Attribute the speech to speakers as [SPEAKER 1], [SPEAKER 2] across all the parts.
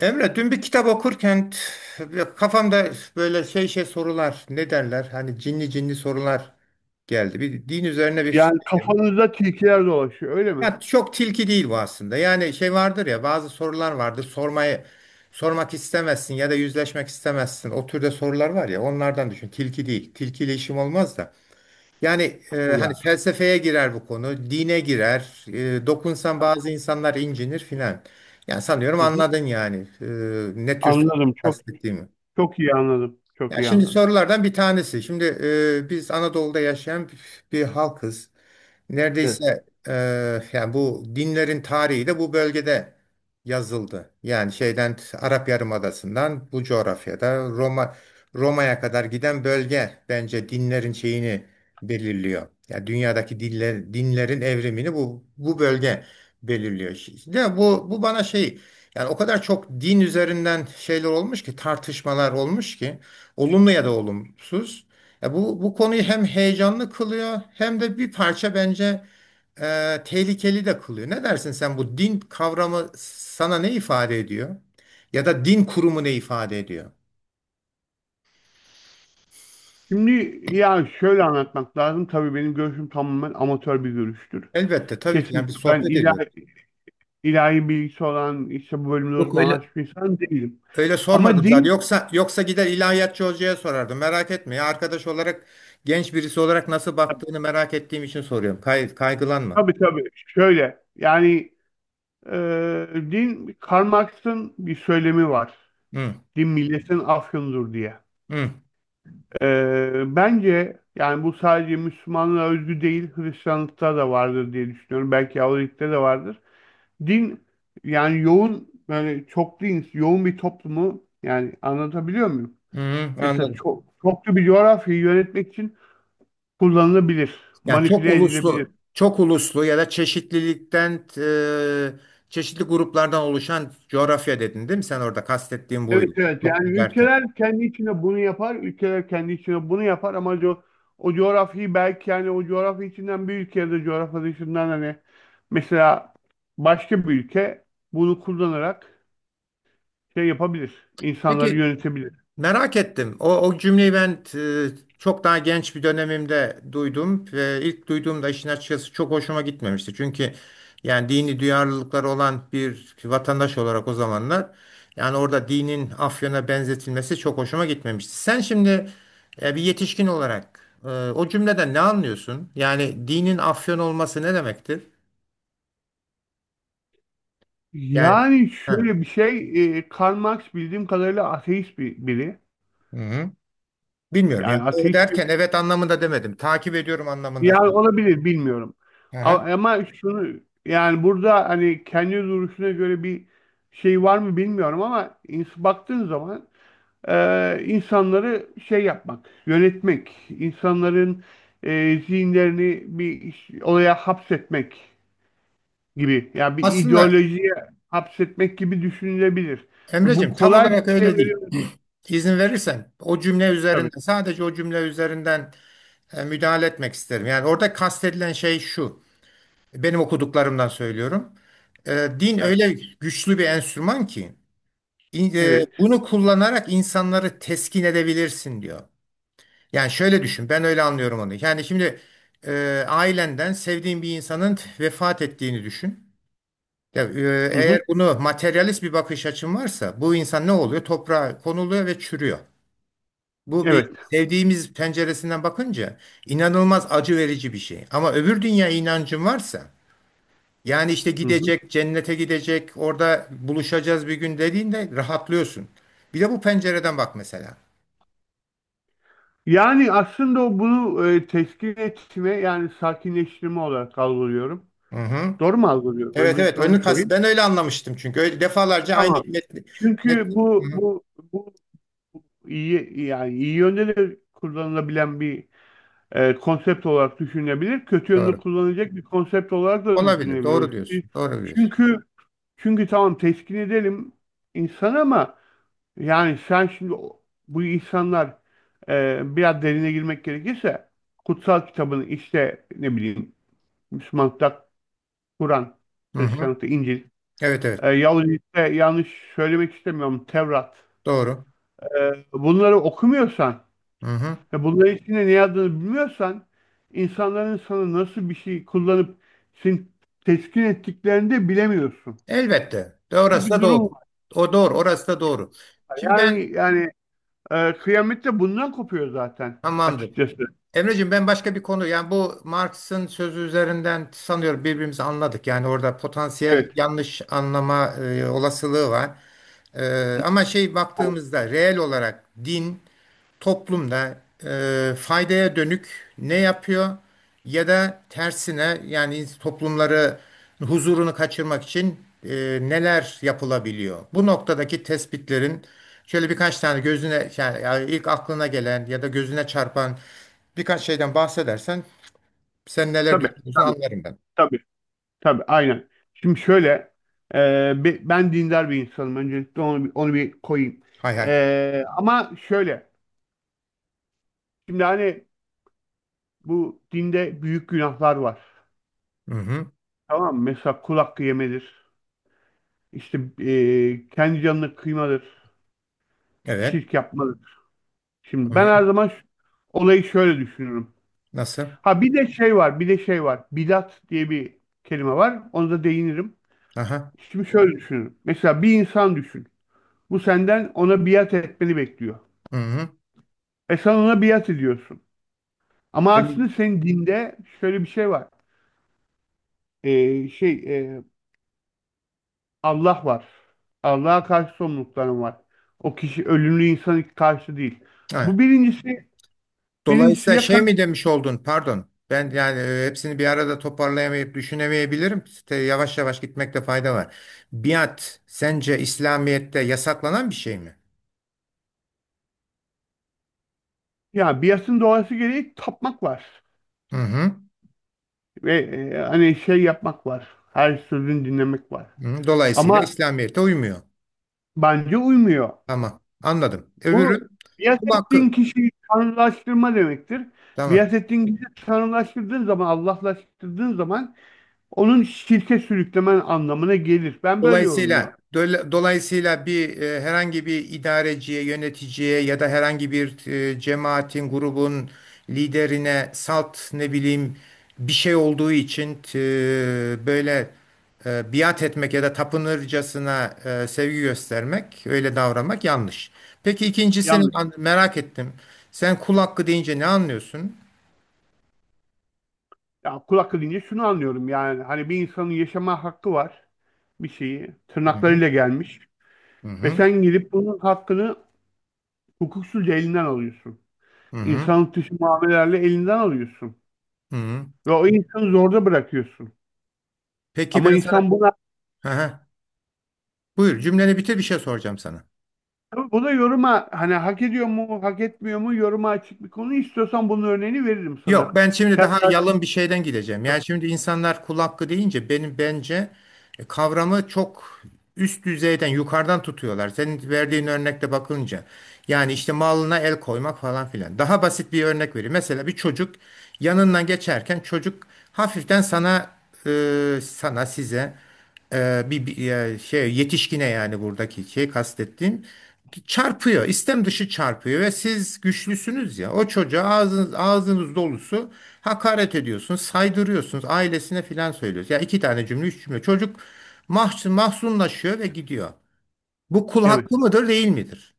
[SPEAKER 1] Emre, dün bir kitap okurken kafamda böyle şey sorular, ne derler? Hani cinli cinli sorular geldi. Bir din üzerine bir
[SPEAKER 2] Yani kafanızda tilkiler dolaşıyor öyle mi?
[SPEAKER 1] ya çok tilki değil bu aslında. Yani şey vardır ya bazı sorular vardır. Sormak istemezsin ya da yüzleşmek istemezsin. O türde sorular var ya onlardan düşün. Tilki değil. Tilkiyle işim olmaz da. Yani
[SPEAKER 2] Bu
[SPEAKER 1] hani
[SPEAKER 2] yani.
[SPEAKER 1] felsefeye girer bu konu, dine girer. Dokunsan bazı insanlar incinir filan. Yani sanıyorum
[SPEAKER 2] Hı hı.
[SPEAKER 1] anladın yani ne tür
[SPEAKER 2] Anladım çok
[SPEAKER 1] kastettiğimi.
[SPEAKER 2] çok iyi anladım. Çok
[SPEAKER 1] Ya
[SPEAKER 2] iyi
[SPEAKER 1] şimdi
[SPEAKER 2] anladım.
[SPEAKER 1] sorulardan bir tanesi. Şimdi biz Anadolu'da yaşayan bir halkız.
[SPEAKER 2] Evet.
[SPEAKER 1] Neredeyse yani bu dinlerin tarihi de bu bölgede yazıldı. Yani şeyden Arap Yarımadası'ndan bu coğrafyada Roma'ya kadar giden bölge bence dinlerin şeyini belirliyor. Yani dünyadaki diller, dinlerin evrimini bu bölge belirliyor. De bu bana şey yani o kadar çok din üzerinden şeyler olmuş ki tartışmalar olmuş ki olumlu ya da olumsuz. Ya bu konuyu hem heyecanlı kılıyor hem de bir parça bence tehlikeli de kılıyor. Ne dersin sen bu din kavramı sana ne ifade ediyor? Ya da din kurumu ne ifade ediyor?
[SPEAKER 2] Şimdi yani şöyle anlatmak lazım. Tabii benim görüşüm tamamen amatör bir görüştür.
[SPEAKER 1] Elbette tabii ki yani bir
[SPEAKER 2] Kesinlikle ben
[SPEAKER 1] sohbet
[SPEAKER 2] ilahi,
[SPEAKER 1] ediyoruz.
[SPEAKER 2] ilahi bilgisi olan işte bu bölümde
[SPEAKER 1] Yok öyle.
[SPEAKER 2] uzmanlaşmış bir insan değilim.
[SPEAKER 1] Öyle
[SPEAKER 2] Ama
[SPEAKER 1] sormadım zaten.
[SPEAKER 2] din
[SPEAKER 1] Yoksa gider ilahiyatçı hocaya sorardım. Merak etme ya arkadaş olarak genç birisi olarak nasıl baktığını merak ettiğim için soruyorum. Kaygılanma.
[SPEAKER 2] tabii tabii şöyle yani din Karl Marx'ın bir söylemi var.
[SPEAKER 1] Hı,
[SPEAKER 2] Din milletin afyonudur diye.
[SPEAKER 1] hı,
[SPEAKER 2] Bence yani bu sadece Müslümanlığa özgü değil, Hristiyanlıkta da vardır diye düşünüyorum. Belki Yahudilikte de vardır. Din yani yoğun böyle çok din, yoğun bir toplumu yani anlatabiliyor muyum?
[SPEAKER 1] hı, hı,
[SPEAKER 2] Mesela
[SPEAKER 1] anladım.
[SPEAKER 2] çok çoklu bir coğrafyayı yönetmek için kullanılabilir,
[SPEAKER 1] Yani
[SPEAKER 2] manipüle edilebilir.
[SPEAKER 1] çok uluslu ya da çeşitlilikten, çeşitli gruplardan oluşan coğrafya dedin değil mi? Sen orada kastettiğin
[SPEAKER 2] Evet
[SPEAKER 1] buydu.
[SPEAKER 2] evet
[SPEAKER 1] Çok
[SPEAKER 2] yani
[SPEAKER 1] derken.
[SPEAKER 2] ülkeler kendi içinde bunu yapar, ülkeler kendi içinde bunu yapar ama o coğrafyayı belki yani o coğrafya içinden bir ülke ya da coğrafya dışından hani mesela başka bir ülke bunu kullanarak şey yapabilir, insanları
[SPEAKER 1] Peki,
[SPEAKER 2] yönetebilir.
[SPEAKER 1] merak ettim. O cümleyi ben çok daha genç bir dönemimde duydum ve ilk duyduğumda işin açıkçası çok hoşuma gitmemişti. Çünkü yani dini duyarlılıkları olan bir vatandaş olarak o zamanlar yani orada dinin Afyon'a benzetilmesi çok hoşuma gitmemişti. Sen şimdi bir yetişkin olarak o cümleden ne anlıyorsun? Yani dinin Afyon olması ne demektir? Yani
[SPEAKER 2] Yani
[SPEAKER 1] ha,
[SPEAKER 2] şöyle bir şey, Karl Marx bildiğim kadarıyla ateist bir biri.
[SPEAKER 1] hı hı. Bilmiyorum
[SPEAKER 2] Yani
[SPEAKER 1] yani o
[SPEAKER 2] ateist bir
[SPEAKER 1] derken evet anlamında demedim. Takip ediyorum anlamında
[SPEAKER 2] Ya
[SPEAKER 1] söylüyorum.
[SPEAKER 2] olabilir bilmiyorum.
[SPEAKER 1] Hı hı.
[SPEAKER 2] Ama şunu yani burada hani kendi duruşuna göre bir şey var mı bilmiyorum ama baktığın zaman insanları şey yapmak, yönetmek, insanların zihinlerini bir olaya hapsetmek gibi yani bir
[SPEAKER 1] Aslında
[SPEAKER 2] ideolojiye hapsetmek gibi düşünülebilir. Ve bu
[SPEAKER 1] Emreciğim tam
[SPEAKER 2] kolay bir
[SPEAKER 1] olarak
[SPEAKER 2] şey
[SPEAKER 1] öyle değil.
[SPEAKER 2] veriyor
[SPEAKER 1] İzin verirsen o cümle
[SPEAKER 2] tabii.
[SPEAKER 1] üzerinden sadece o cümle üzerinden müdahale etmek isterim. Yani orada kastedilen şey şu. Benim okuduklarımdan söylüyorum. E, din
[SPEAKER 2] Evet.
[SPEAKER 1] öyle güçlü bir enstrüman ki
[SPEAKER 2] Evet.
[SPEAKER 1] bunu kullanarak insanları teskin edebilirsin diyor. Yani şöyle düşün ben öyle anlıyorum onu. Yani şimdi ailenden sevdiğin bir insanın vefat ettiğini düşün. Ya, e,
[SPEAKER 2] Hı
[SPEAKER 1] eğer
[SPEAKER 2] hı.
[SPEAKER 1] bunu materyalist bir bakış açın varsa bu insan ne oluyor? Toprağa konuluyor ve çürüyor. Bu bir
[SPEAKER 2] Evet.
[SPEAKER 1] sevdiğimiz penceresinden bakınca inanılmaz acı verici bir şey. Ama öbür dünya inancın varsa yani işte
[SPEAKER 2] Hı hı.
[SPEAKER 1] gidecek, cennete gidecek, orada buluşacağız bir gün dediğinde rahatlıyorsun. Bir de bu pencereden bak mesela.
[SPEAKER 2] Yani aslında o bunu teskin etme yani sakinleştirme olarak algılıyorum.
[SPEAKER 1] Hı hı.
[SPEAKER 2] Doğru mu algılıyorum?
[SPEAKER 1] Evet
[SPEAKER 2] Öncelikle onu
[SPEAKER 1] onu kas
[SPEAKER 2] sorayım.
[SPEAKER 1] ben öyle anlamıştım çünkü öyle defalarca aynı
[SPEAKER 2] Tamam.
[SPEAKER 1] metni.
[SPEAKER 2] Çünkü bu
[SPEAKER 1] Hı hı.
[SPEAKER 2] bu bu iyi yani iyi yönde de kullanılabilen bir konsept olarak düşünülebilir. Kötü yönde
[SPEAKER 1] Doğru.
[SPEAKER 2] kullanılacak bir konsept olarak da
[SPEAKER 1] Olabilir. Doğru
[SPEAKER 2] düşünülebilir.
[SPEAKER 1] diyorsun. Doğru diyorsun.
[SPEAKER 2] Çünkü çünkü tamam teskin edelim insan ama yani sen şimdi bu insanlar biraz derine girmek gerekirse kutsal kitabını işte ne bileyim Müslümanlıkta Kur'an,
[SPEAKER 1] Hı hı.
[SPEAKER 2] Hristiyanlıkta İncil,
[SPEAKER 1] Evet evet.
[SPEAKER 2] Yahudilikte yanlış söylemek istemiyorum Tevrat.
[SPEAKER 1] Doğru.
[SPEAKER 2] Bunları okumuyorsan
[SPEAKER 1] Hı hı.
[SPEAKER 2] ve bunların içinde ne yazdığını bilmiyorsan insanların sana nasıl bir şey kullanıp seni teskin ettiklerini de bilemiyorsun.
[SPEAKER 1] Elbette. De
[SPEAKER 2] Böyle
[SPEAKER 1] orası
[SPEAKER 2] bir
[SPEAKER 1] da
[SPEAKER 2] durum
[SPEAKER 1] doğru.
[SPEAKER 2] var.
[SPEAKER 1] O doğru. Orası da doğru. Şimdi ben
[SPEAKER 2] Yani kıyamet de bundan kopuyor zaten
[SPEAKER 1] tamamdır.
[SPEAKER 2] açıkçası.
[SPEAKER 1] Emreciğim ben başka bir konu yani bu Marx'ın sözü üzerinden sanıyorum birbirimizi anladık. Yani orada potansiyel
[SPEAKER 2] Evet.
[SPEAKER 1] yanlış anlama olasılığı var. E, ama şey baktığımızda reel olarak din toplumda faydaya dönük ne yapıyor ya da tersine yani toplumları huzurunu kaçırmak için neler yapılabiliyor? Bu noktadaki tespitlerin şöyle birkaç tane gözüne yani ilk aklına gelen ya da gözüne çarpan birkaç şeyden bahsedersen sen neler
[SPEAKER 2] Tabii,
[SPEAKER 1] düşünüyorsun
[SPEAKER 2] tabii,
[SPEAKER 1] anlarım ben.
[SPEAKER 2] tabii, tabii, aynen. Şimdi şöyle, ben dindar bir insanım. Öncelikle onu, onu bir koyayım.
[SPEAKER 1] Hay hay.
[SPEAKER 2] Ama şöyle, şimdi hani bu dinde büyük günahlar var.
[SPEAKER 1] Hı hı.
[SPEAKER 2] Tamam mı? Mesela kul hakkı yemedir. İşte kendi canını kıymadır.
[SPEAKER 1] Evet.
[SPEAKER 2] Şirk yapmadır.
[SPEAKER 1] Hı
[SPEAKER 2] Şimdi ben
[SPEAKER 1] hı.
[SPEAKER 2] her zaman olayı şöyle düşünüyorum.
[SPEAKER 1] Nasıl?
[SPEAKER 2] Ha bir de şey var, bir de şey var. Bidat diye bir kelime var. Onu da değinirim.
[SPEAKER 1] Aha.
[SPEAKER 2] Şimdi şöyle düşünüyorum. Mesela bir insan düşün. Bu senden ona biat etmeni bekliyor.
[SPEAKER 1] Hı hı.
[SPEAKER 2] Sen ona biat ediyorsun. Ama
[SPEAKER 1] Benim.
[SPEAKER 2] aslında senin dinde şöyle bir şey var. Şey e, Allah var. Allah'a karşı sorumlulukların var. O kişi ölümlü insana karşı değil. Bu birincisi, birincisi
[SPEAKER 1] Dolayısıyla
[SPEAKER 2] ya
[SPEAKER 1] şey mi
[SPEAKER 2] karşı,
[SPEAKER 1] demiş oldun? Pardon. Ben yani hepsini bir arada toparlayamayıp düşünemeyebilirim. İşte yavaş yavaş gitmekte fayda var. Biat sence İslamiyet'te yasaklanan bir şey mi?
[SPEAKER 2] ya biatın doğası gereği tapmak var.
[SPEAKER 1] Hı hı.
[SPEAKER 2] Ve hani şey yapmak var. Her sözünü dinlemek var.
[SPEAKER 1] Hı. Dolayısıyla
[SPEAKER 2] Ama
[SPEAKER 1] İslamiyet'e uymuyor.
[SPEAKER 2] bence uymuyor.
[SPEAKER 1] Tamam. Anladım.
[SPEAKER 2] Bu
[SPEAKER 1] Öbürü
[SPEAKER 2] biat
[SPEAKER 1] kul hakkı.
[SPEAKER 2] ettiğin kişiyi tanrılaştırma demektir.
[SPEAKER 1] Tamam.
[SPEAKER 2] Biat ettiğin kişiyi tanrılaştırdığın zaman, Allahlaştırdığın zaman onun şirke sürüklemen anlamına gelir. Ben böyle yorumluyorum.
[SPEAKER 1] Dolayısıyla bir herhangi bir idareciye, yöneticiye ya da herhangi bir cemaatin, grubun liderine salt ne bileyim bir şey olduğu için böyle biat etmek ya da tapınırcasına sevgi göstermek, öyle davranmak yanlış. Peki ikincisini
[SPEAKER 2] Yanlış.
[SPEAKER 1] merak ettim. Sen kul hakkı deyince ne anlıyorsun?
[SPEAKER 2] Ya kulak edince şunu anlıyorum yani hani bir insanın yaşama hakkı var, bir şeyi
[SPEAKER 1] Hı hı.
[SPEAKER 2] tırnaklarıyla gelmiş
[SPEAKER 1] Hı
[SPEAKER 2] ve
[SPEAKER 1] hı.
[SPEAKER 2] sen gidip bunun hakkını hukuksuzca elinden alıyorsun.
[SPEAKER 1] Hı hı.
[SPEAKER 2] İnsanlık dışı muamelelerle elinden alıyorsun
[SPEAKER 1] Hı hı.
[SPEAKER 2] ve o insanı zorda bırakıyorsun.
[SPEAKER 1] Peki
[SPEAKER 2] Ama
[SPEAKER 1] ben sana
[SPEAKER 2] insan buna
[SPEAKER 1] hı hı. Buyur cümleni bitir bir şey soracağım sana.
[SPEAKER 2] tabii bu da yoruma hani hak ediyor mu, hak etmiyor mu yoruma açık bir konu. İstiyorsan bunun örneğini veririm
[SPEAKER 1] Yok
[SPEAKER 2] sana.
[SPEAKER 1] ben şimdi daha
[SPEAKER 2] Kendi
[SPEAKER 1] yalın bir şeyden gideceğim. Yani şimdi insanlar kul hakkı deyince benim bence kavramı çok üst düzeyden yukarıdan tutuyorlar. Senin verdiğin örnekte bakınca. Yani işte malına el koymak falan filan. Daha basit bir örnek vereyim. Mesela bir çocuk yanından geçerken çocuk hafiften sana size şey yetişkine yani buradaki şey kastettiğim çarpıyor. İstem dışı çarpıyor ve siz güçlüsünüz ya. O çocuğa ağzınız dolusu hakaret ediyorsunuz, saydırıyorsunuz, ailesine filan söylüyorsunuz. Ya iki tane cümle, üç cümle. Çocuk mahzunlaşıyor ve gidiyor. Bu kul
[SPEAKER 2] evet.
[SPEAKER 1] hakkı mıdır, değil midir?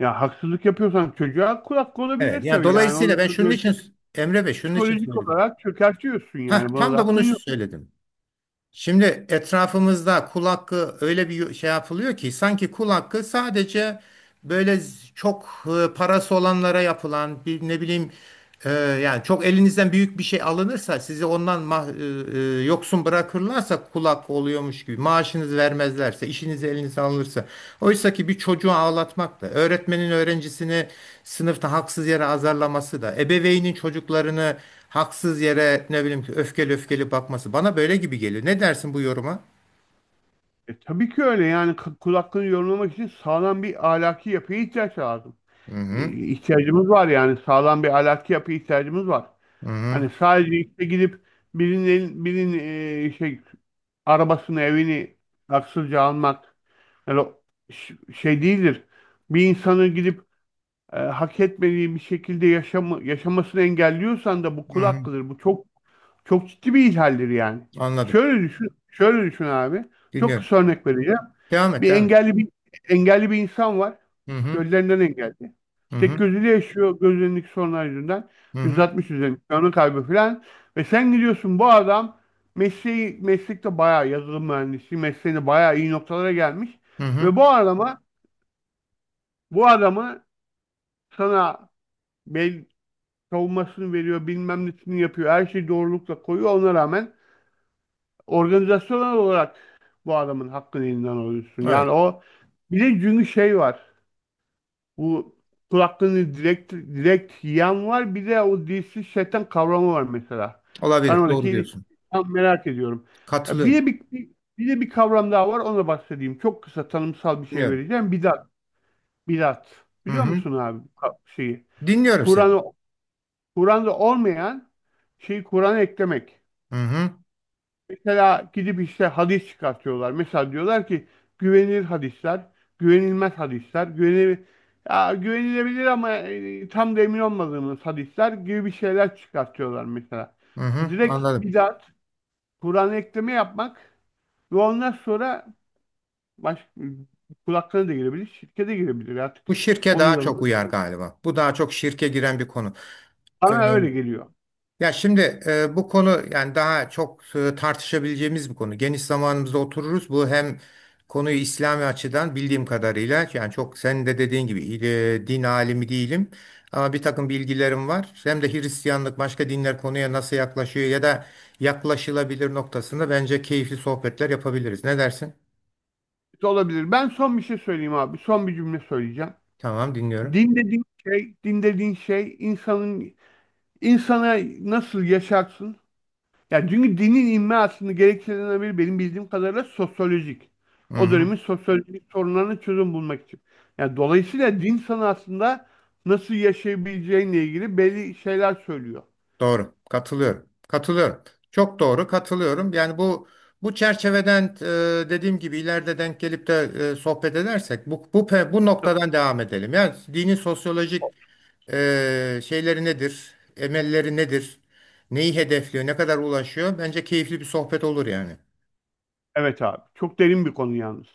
[SPEAKER 2] Ya haksızlık yapıyorsan çocuğa kulak hakkı
[SPEAKER 1] Evet.
[SPEAKER 2] olabilir
[SPEAKER 1] Yani
[SPEAKER 2] tabii. Yani
[SPEAKER 1] dolayısıyla
[SPEAKER 2] orada
[SPEAKER 1] ben şunun
[SPEAKER 2] çocuğu
[SPEAKER 1] için Emre Bey şunun için
[SPEAKER 2] psikolojik
[SPEAKER 1] söyledim.
[SPEAKER 2] olarak çökertiyorsun
[SPEAKER 1] Heh,
[SPEAKER 2] yani. Buna
[SPEAKER 1] tam
[SPEAKER 2] da
[SPEAKER 1] da
[SPEAKER 2] hakkın
[SPEAKER 1] bunu
[SPEAKER 2] yok.
[SPEAKER 1] söyledim. Şimdi etrafımızda kul hakkı öyle bir şey yapılıyor ki sanki kul hakkı sadece böyle çok parası olanlara yapılan bir ne bileyim yani çok elinizden büyük bir şey alınırsa sizi ondan yoksun bırakırlarsa kulak oluyormuş gibi maaşınız vermezlerse işiniz elinizden alınırsa oysa ki bir çocuğu ağlatmak da öğretmenin öğrencisini sınıfta haksız yere azarlaması da ebeveynin çocuklarını haksız yere ne bileyim ki öfkeli öfkeli bakması bana böyle gibi geliyor. Ne dersin bu yoruma?
[SPEAKER 2] Tabii ki öyle yani kul hakkını yorumlamak için sağlam bir ahlaki yapıya ihtiyaç lazım.
[SPEAKER 1] Hı
[SPEAKER 2] E,
[SPEAKER 1] hı,
[SPEAKER 2] ihtiyacımız var yani sağlam bir ahlaki yapıya ihtiyacımız var.
[SPEAKER 1] hı hı,
[SPEAKER 2] Hani sadece işte gidip birinin şey arabasını evini haksızca almak yani o şey değildir. Bir insanın gidip hak etmediği bir şekilde yaşamı, yaşamasını engelliyorsan da bu
[SPEAKER 1] hı
[SPEAKER 2] kul
[SPEAKER 1] hı.
[SPEAKER 2] hakkıdır. Bu çok çok ciddi bir ihlaldir yani.
[SPEAKER 1] Anladım.
[SPEAKER 2] Şöyle düşün, şöyle düşün abi. Çok
[SPEAKER 1] Dinliyorum.
[SPEAKER 2] kısa örnek vereceğim.
[SPEAKER 1] Devam et,
[SPEAKER 2] Bir
[SPEAKER 1] devam et.
[SPEAKER 2] engelli bir engelli bir insan var.
[SPEAKER 1] Hı hı,
[SPEAKER 2] Gözlerinden engelli.
[SPEAKER 1] hı hı,
[SPEAKER 2] Tek gözüyle yaşıyor gözlerindeki sorunlar yüzünden.
[SPEAKER 1] hı hı,
[SPEAKER 2] 160 üzerinde görme kaybı falan. Ve sen gidiyorsun bu adam mesleği meslekte bayağı yazılım mühendisi mesleğinde bayağı iyi noktalara gelmiş.
[SPEAKER 1] hı hı.
[SPEAKER 2] Ve bu adama bu adamı sana bel savunmasını veriyor, bilmem nesini yapıyor. Her şeyi doğrulukla koyuyor. Ona rağmen organizasyonel olarak bu adamın hakkını elinden alıyorsun.
[SPEAKER 1] Evet,
[SPEAKER 2] Yani o bir de çünkü şey var. Bu kulaklığını direkt direkt yiyen var. Bir de o dilsiz şeytan kavramı var mesela. Ben
[SPEAKER 1] olabilir.
[SPEAKER 2] oradaki
[SPEAKER 1] Doğru
[SPEAKER 2] ilişkiyi
[SPEAKER 1] diyorsun.
[SPEAKER 2] tam merak ediyorum. Ya bir
[SPEAKER 1] Katılıyorum.
[SPEAKER 2] de bir kavram daha var. Ona bahsedeyim. Çok kısa tanımsal bir şey
[SPEAKER 1] Dinliyorum.
[SPEAKER 2] vereceğim. Bidat. Bidat.
[SPEAKER 1] Hı
[SPEAKER 2] Biliyor
[SPEAKER 1] hı.
[SPEAKER 2] musun abi bu şeyi?
[SPEAKER 1] Dinliyorum seni.
[SPEAKER 2] Kur'an'ı Kur'an'da olmayan şeyi Kur'an'a eklemek.
[SPEAKER 1] Hı hı.
[SPEAKER 2] Mesela gidip işte hadis çıkartıyorlar. Mesela diyorlar ki güvenilir hadisler, güvenilmez hadisler, ya güvenilebilir ama tam da emin olmadığımız hadisler gibi bir şeyler çıkartıyorlar mesela.
[SPEAKER 1] Hı
[SPEAKER 2] Bu
[SPEAKER 1] hı.
[SPEAKER 2] direkt
[SPEAKER 1] Anladım.
[SPEAKER 2] bidat, Kur'an'a ekleme yapmak ve ondan sonra baş, kulaklarına da girebilir, şirkete girebilir artık.
[SPEAKER 1] Bu şirke
[SPEAKER 2] Onu
[SPEAKER 1] daha
[SPEAKER 2] yorumu.
[SPEAKER 1] çok uyar galiba. Bu daha çok şirke giren bir konu.
[SPEAKER 2] Bana
[SPEAKER 1] Ee,
[SPEAKER 2] öyle geliyor.
[SPEAKER 1] ya şimdi bu konu yani daha çok tartışabileceğimiz bir konu. Geniş zamanımızda otururuz. Bu hem konuyu İslami açıdan bildiğim kadarıyla yani çok senin de dediğin gibi din alimi değilim. Ama bir takım bilgilerim var. Hem de Hristiyanlık başka dinler konuya nasıl yaklaşıyor ya da yaklaşılabilir noktasında bence keyifli sohbetler yapabiliriz. Ne dersin?
[SPEAKER 2] Olabilir. Ben son bir şey söyleyeyim abi. Son bir cümle söyleyeceğim.
[SPEAKER 1] Tamam dinliyorum.
[SPEAKER 2] Din dediğin şey, din dediğin şey insanın insana nasıl yaşarsın? Yani çünkü dinin inme aslında gerekçelerinden biri benim bildiğim kadarıyla sosyolojik. O
[SPEAKER 1] Hı-hı.
[SPEAKER 2] dönemin sosyolojik sorunlarına çözüm bulmak için. Yani dolayısıyla din sana aslında nasıl yaşayabileceğinle ilgili belli şeyler söylüyor.
[SPEAKER 1] Doğru. Katılıyorum. Katılıyorum. Çok doğru katılıyorum. Yani bu çerçeveden dediğim gibi ileride denk gelip de sohbet edersek bu noktadan devam edelim. Yani dinin sosyolojik şeyleri nedir? Emelleri nedir? Neyi hedefliyor? Ne kadar ulaşıyor? Bence keyifli bir sohbet olur yani.
[SPEAKER 2] Evet abi. Çok derin bir konu yalnız.